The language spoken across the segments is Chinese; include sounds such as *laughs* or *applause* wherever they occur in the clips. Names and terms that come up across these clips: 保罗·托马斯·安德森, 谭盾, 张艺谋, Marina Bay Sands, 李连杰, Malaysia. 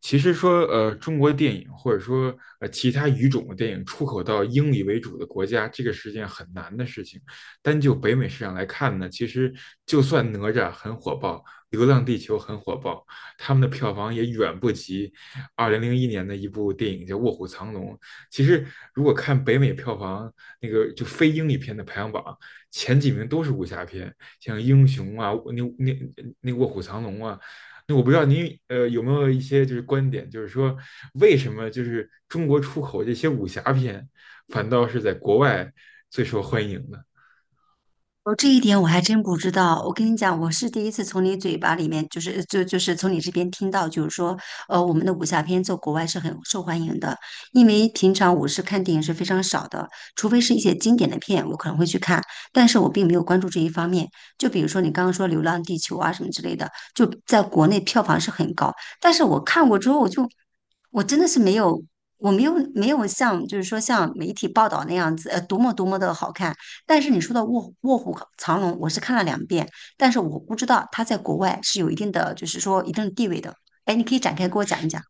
其实说，中国电影或者说其他语种的电影出口到英语为主的国家，这个是件很难的事情。单就北美市场来看呢，其实就算哪吒很火爆，流浪地球很火爆，他们的票房也远不及2001年的一部电影叫《卧虎藏龙》。其实如果看北美票房那个就非英语片的排行榜，前几名都是武侠片，像《英雄》啊，那《卧虎藏龙》啊，那我不知道您有没有一些就是观点，就是说为什么就是中国出口这些武侠片，反倒是在国外最受欢迎呢？哦，这一点我还真不知道。我跟你讲，我是第一次从你嘴巴里面，就是从你这边听到，我们的武侠片在国外是很受欢迎的。因为平常我是看电影是非常少的，除非是一些经典的片，我可能会去看，但是我并没有关注这一方面。就比如说你刚刚说《流浪地球》啊什么之类的，就在国内票房是很高，但是我看过之后，我真的是没有。我没有像就是说像媒体报道那样子，多么多么的好看，但是你说的《卧虎藏龙》，我是看了两遍，但是我不知道他在国外是有一定的，就是说一定的地位的。哎，你可以展开给我讲一是讲，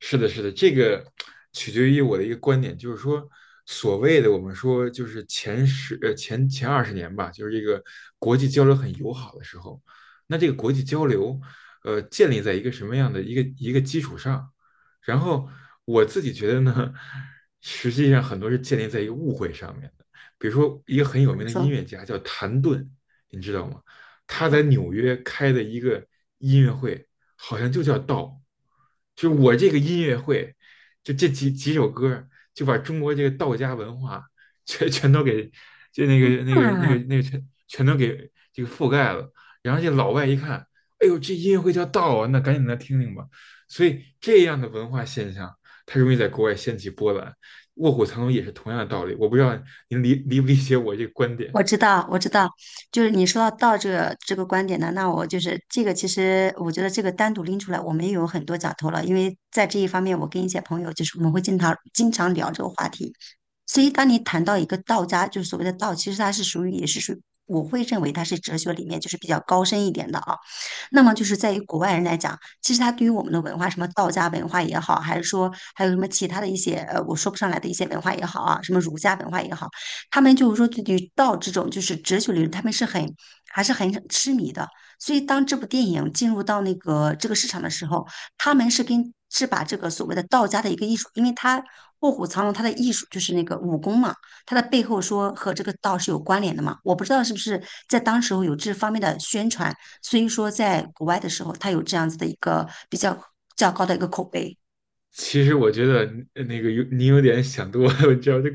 是的，是的，这个取决于我的一个观点，就是说，所谓的我们说就是前二十年吧，就是这个国际交流很友好的时候，那这个国际交流，建立在一个什么样的一个基础上？然后我自己觉得呢，实际上很多是建立在一个误会上面的，比如说一个很有我名的音说，乐家叫谭盾，你知道吗？他在嗯，纽约开的一个音乐会，好像就叫《道》，就我这个音乐会，就这几首歌，就把中国这个道家文化 *laughs* 全全都给就那个那个那个那个全全都给这个覆盖了。然后这老外一看，哎呦，这音乐会叫道啊，那赶紧来听听吧。所以这样的文化现象，它容易在国外掀起波澜。卧虎藏龙也是同样的道理，我不知道您理不理解我这个观点。我知道，我知道，就是你说到道这个这个观点呢，那我就是这个，其实我觉得这个单独拎出来，我们也有很多讲头了，因为在这一方面，我跟一些朋友就是我们会经常经常聊这个话题。所以，当你谈到一个道家，就是所谓的道，其实它是属于也是属于我会认为它是哲学里面就是比较高深一点的啊。那么就是在于国外人来讲，其实它对于我们的文化，什么道家文化也好，还是说还有什么其他的一些我说不上来的一些文化也好啊，什么儒家文化也好。他们就是说对于道这种就是哲学理论，他们是很还是很痴迷的。所以当这部电影进入到那个这个市场的时候，他们是跟是把这个所谓的道家的一个艺术，因为他卧虎藏龙他的艺术就是那个武功嘛，他的背后说和这个道是有关联的嘛。我不知道是不是在当时候有这方面的宣传，所以说在国外的时候，他有这样子的一个比较较高的一个口碑其实我觉得呃那个有你有点想多了，*laughs* 我知道这，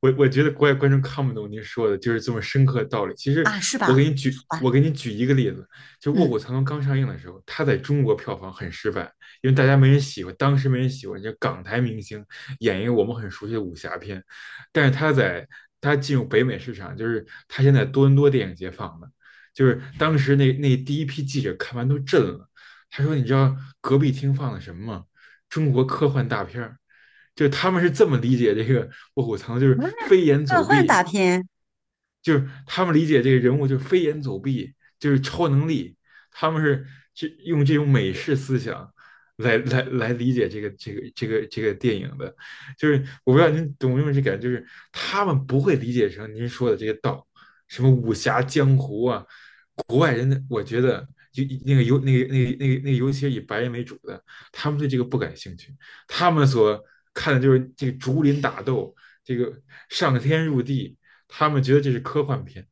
我觉得国外观众看不懂您说的，就是这么深刻的道理。其实啊，是吧？好吧，我给你举一个例子，就《卧虎嗯，藏龙》刚上映的时候，它在中国票房很失败，因为大家没人喜欢，当时没人喜欢，就港台明星演一个我们很熟悉的武侠片，但是它进入北美市场，就是它现在多伦多电影节放的，就是当时那第一批记者看完都震了，他说：“你知道隔壁厅放的什么吗？”中国科幻大片儿，就他们是这么理解这个《卧虎藏龙》，就是飞檐个走幻壁，大片。就是他们理解这个人物就是飞檐走壁，就是超能力，他们是用这种美式思想来理解这个电影的，就是我不知道您懂不？有这感觉，就是他们不会理解成您说的这个道，什么武侠江湖啊，国外人的我觉得。就那个尤那个那个那个那个，尤其是以白人为主的，他们对这个不感兴趣，他们所看的就是这个竹林打斗，这个上天入地，他们觉得这是科幻片。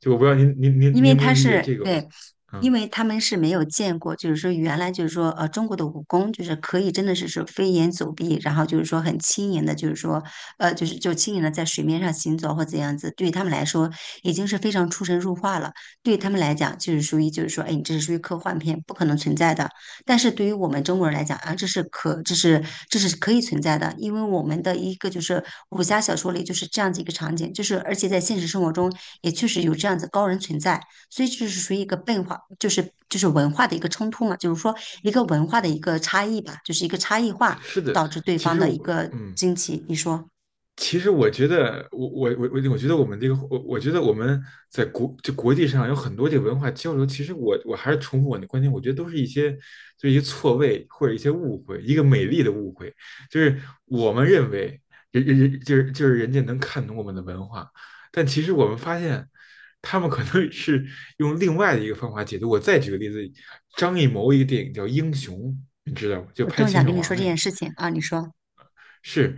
就我不知道您您您因您为能不他能理解是这个？对，嗯，因为他们是没有见过，就是说原来就是说中国的武功就是可以真的是飞檐走壁，然后就是说很轻盈的，就轻盈的在水面上行走或怎样子，对于他们来说已经是非常出神入化了。对于他们来讲，就是属于就是说，哎，你这是属于科幻片，不可能存在的。但是对于我们中国人来讲啊，这是可以存在的，因为我们的一个就是武侠小说里就是这样子一个场景，就是而且在现实生活中也确实有这样子高人存在。所以这是属于一个变化，就是文化的一个冲突嘛，就是说一个文化的一个差异吧，就是一个差异化是的，导致对其方实的一我个嗯，惊奇。你说，其实我觉得，我我我我我觉得我们这个，我我觉得我们就国际上有很多这个文化交流。其实我还是重复我的观点，我觉得都是一些一些错位或者一些误会，一个美丽的误会，就是我们认为人人人就是就是人家能看懂我们的文化，但其实我们发现他们可能是用另外的一个方法解读。我再举个例子，张艺谋一个电影叫《英雄》，你知道吗？就我拍正秦想始跟你皇说这那件个。事情啊，你说。是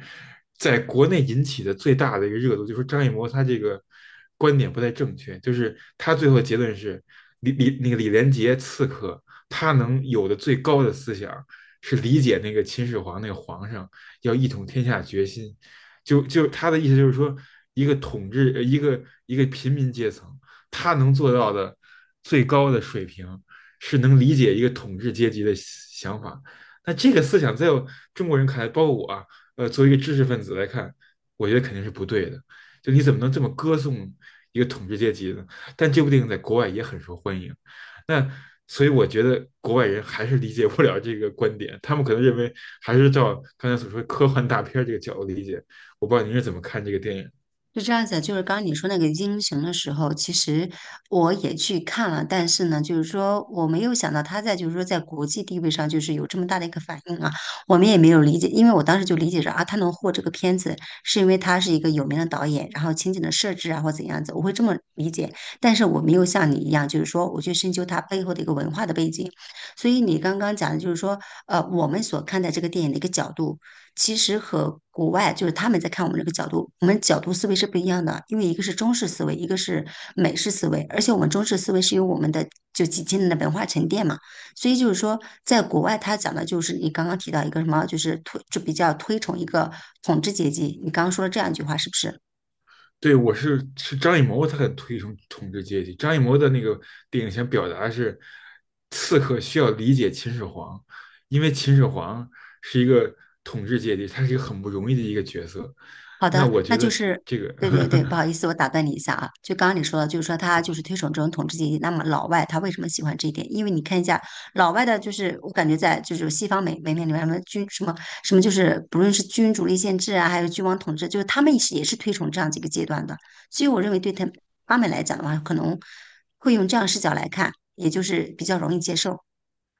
在国内引起的最大的一个热度，就是张艺谋他这个观点不太正确，就是他最后结论是李李那个李连杰刺客，他能有的最高的思想是理解那个秦始皇那个皇上要一统天下决心，就他的意思就是说，一个统治一个平民阶层，他能做到的最高的水平是能理解一个统治阶级的想法。那这个思想在中国人看来，包括我啊，作为一个知识分子来看，我觉得肯定是不对的。就你怎么能这么歌颂一个统治阶级呢？但这部电影在国外也很受欢迎，那所以我觉得国外人还是理解不了这个观点，他们可能认为还是照刚才所说科幻大片这个角度理解。我不知道您是怎么看这个电影？是这样子的就是刚刚你说那个英雄的时候，其实我也去看了，但是呢，就是说我没有想到他在就是说在国际地位上就是有这么大的一个反应啊，我们也没有理解，因为我当时就理解着啊，他能获这个片子是因为他是一个有名的导演，然后情景的设置啊或怎样子，我会这么理解，但是我没有像你一样，就是说我去深究它背后的一个文化的背景，所以你刚刚讲的就是说，我们所看待这个电影的一个角度。其实和国外就是他们在看我们这个角度，我们角度思维是不一样的，因为一个是中式思维，一个是美式思维，而且我们中式思维是有我们的就几千年的文化沉淀嘛，所以就是说，在国外他讲的就是你刚刚提到一个什么，就是推就比较推崇一个统治阶级，你刚刚说了这样一句话是不是？对，我是张艺谋，他很推崇统治阶级。张艺谋的那个电影想表达是，刺客需要理解秦始皇，因为秦始皇是一个统治阶级，他是一个很不容易的一个角色。好那的，我那觉就得这是，这个 对对对，不好意 *laughs* 思，我打断你一下啊。就刚刚你说的，就是说他就是推崇这种统治阶级。那么老外他为什么喜欢这一点？因为你看一下老外的，就是我感觉在就是西方美美面里面，什么君什么什么，就是不论是君主立宪制啊，还有君王统治，就是他们也是推崇这样几个阶段的。所以我认为对他们来讲的话，可能会用这样视角来看，也就是比较容易接受。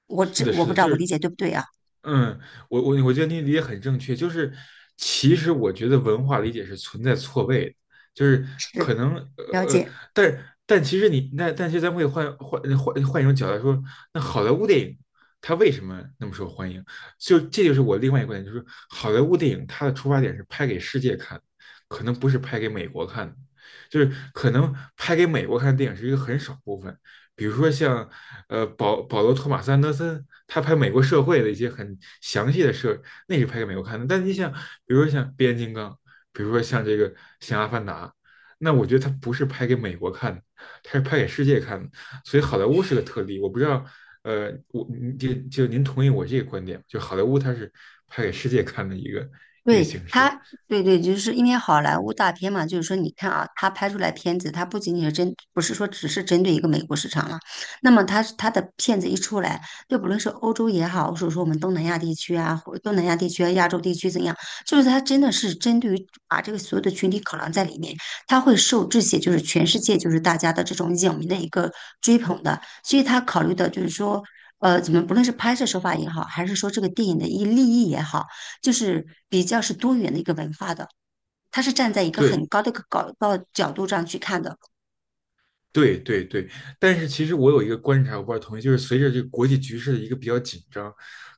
我是这的，我是不的，知道就我理是解对不对啊？嗯，我觉得你理解很正确，就是其实我觉得文化理解是存在错位的，就是是可能了解。但但其实你那但是咱们可以换一种角度来说，那好莱坞电影它为什么那么受欢迎？就是我另外一个观点，就是好莱坞电影它的出发点是拍给世界看，可能不是拍给美国看的就是可能拍给美国看的电影是一个很少部分，比如说像保罗·托马斯·安德森，他拍美国社会的一些很详细的事，那是拍给美国看的。但你想，比如说像《变形金刚》，比如说像这个像《阿凡达》，那我觉得他不是拍给美国看的，他是拍给世界看的。所以好莱坞是个特例，我不知道，呃，我就就您同意我这个观点就好莱坞它是拍给世界看的一个对形式。他，对对，就是因为好莱坞大片嘛，就是说，你看啊，他拍出来片子，他不仅仅是针，不是说只是针对一个美国市场了。那么他的片子一出来，就不论是欧洲也好，或者说我们东南亚地区啊，或东南亚地区啊、亚洲地区怎样，就是他真的是针对于把这个所有的群体考量在里面，他会受这些就是全世界就是大家的这种影迷的一个追捧的，所以他考虑的就是说。怎么不论是拍摄手法也好，还是说这个电影的一立意也好。就是比较是多元的一个文化的，它是站在一个对，很高的一个高到角度上去看的。对对对，但是其实我有一个观察，我不知道同意，就是随着这个国际局势的一个比较紧张，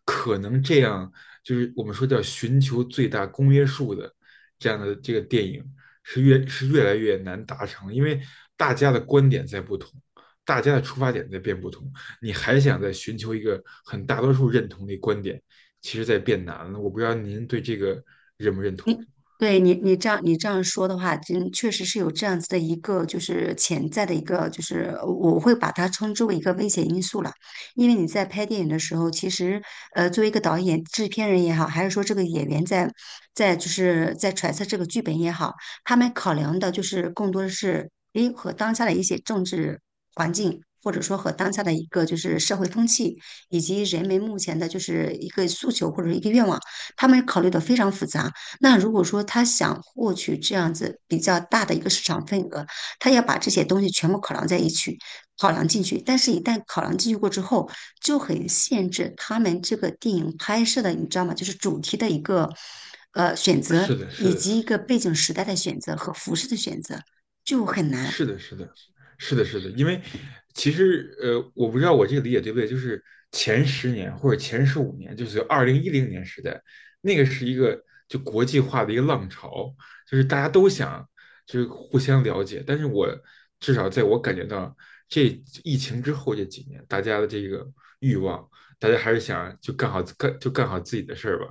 可能这样就是我们说叫寻求最大公约数的这样的这个电影越来越难达成，因为大家的观点在不同，大家的出发点在变不同，你还想再寻求一个很大多数认同的观点，其实在变难了。我不知道您对这个认不认同？你对你这样说的话，真确实是有这样子的一个就是潜在的一个就是我会把它称之为一个危险因素了，因为你在拍电影的时候，其实作为一个导演、制片人也好，还是说这个演员在就是在揣测这个剧本也好，他们考量的就是更多的是诶和当下的一些政治环境。或者说和当下的一个就是社会风气，以及人们目前的就是一个诉求或者一个愿望，他们考虑的非常复杂。那如果说他想获取这样子比较大的一个市场份额，他要把这些东西全部考量在一起，考量进去。但是，一旦考量进去过之后，就很限制他们这个电影拍摄的，你知道吗？就是主题的一个选择，是的，以是的。及一个背景时代的选择和服饰的选择，就很难。是的，是的，是的，是的，因为其实我不知道我这个理解对不对，就是前十年或者前15年，就是2010年时代，那个是一个就国际化的一个浪潮，就是大家都想就是互相了解，但是我至少在我感觉到这疫情之后这几年，大家的这个欲望，大家还是想就干好自己的事儿吧。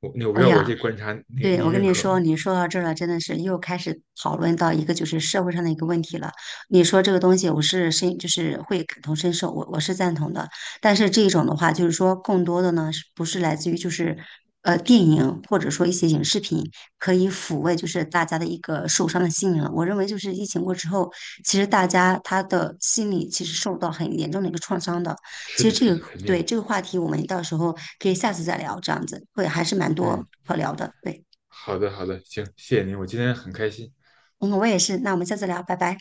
我不哎知道我呀，这观察你对，你我跟认你可吗？说，你说到这儿了，真的是又开始讨论到一个就是社会上的一个问题了。你说这个东西，我是深，就是会感同身受，我是赞同的。但是这种的话，就是说更多的呢，是不是来自于就是电影或者说一些影视品可以抚慰就是大家的一个受伤的心灵了。我认为就是疫情过之后，其实大家他的心理其实受到很严重的一个创伤的。是其实的，这是的，个肯对定，这个话题，我们到时候可以下次再聊，这样子会还是蛮多嗯。可聊的，对。好的，好的，行，谢谢您，我今天很开心。嗯，我也是。那我们下次聊，拜拜。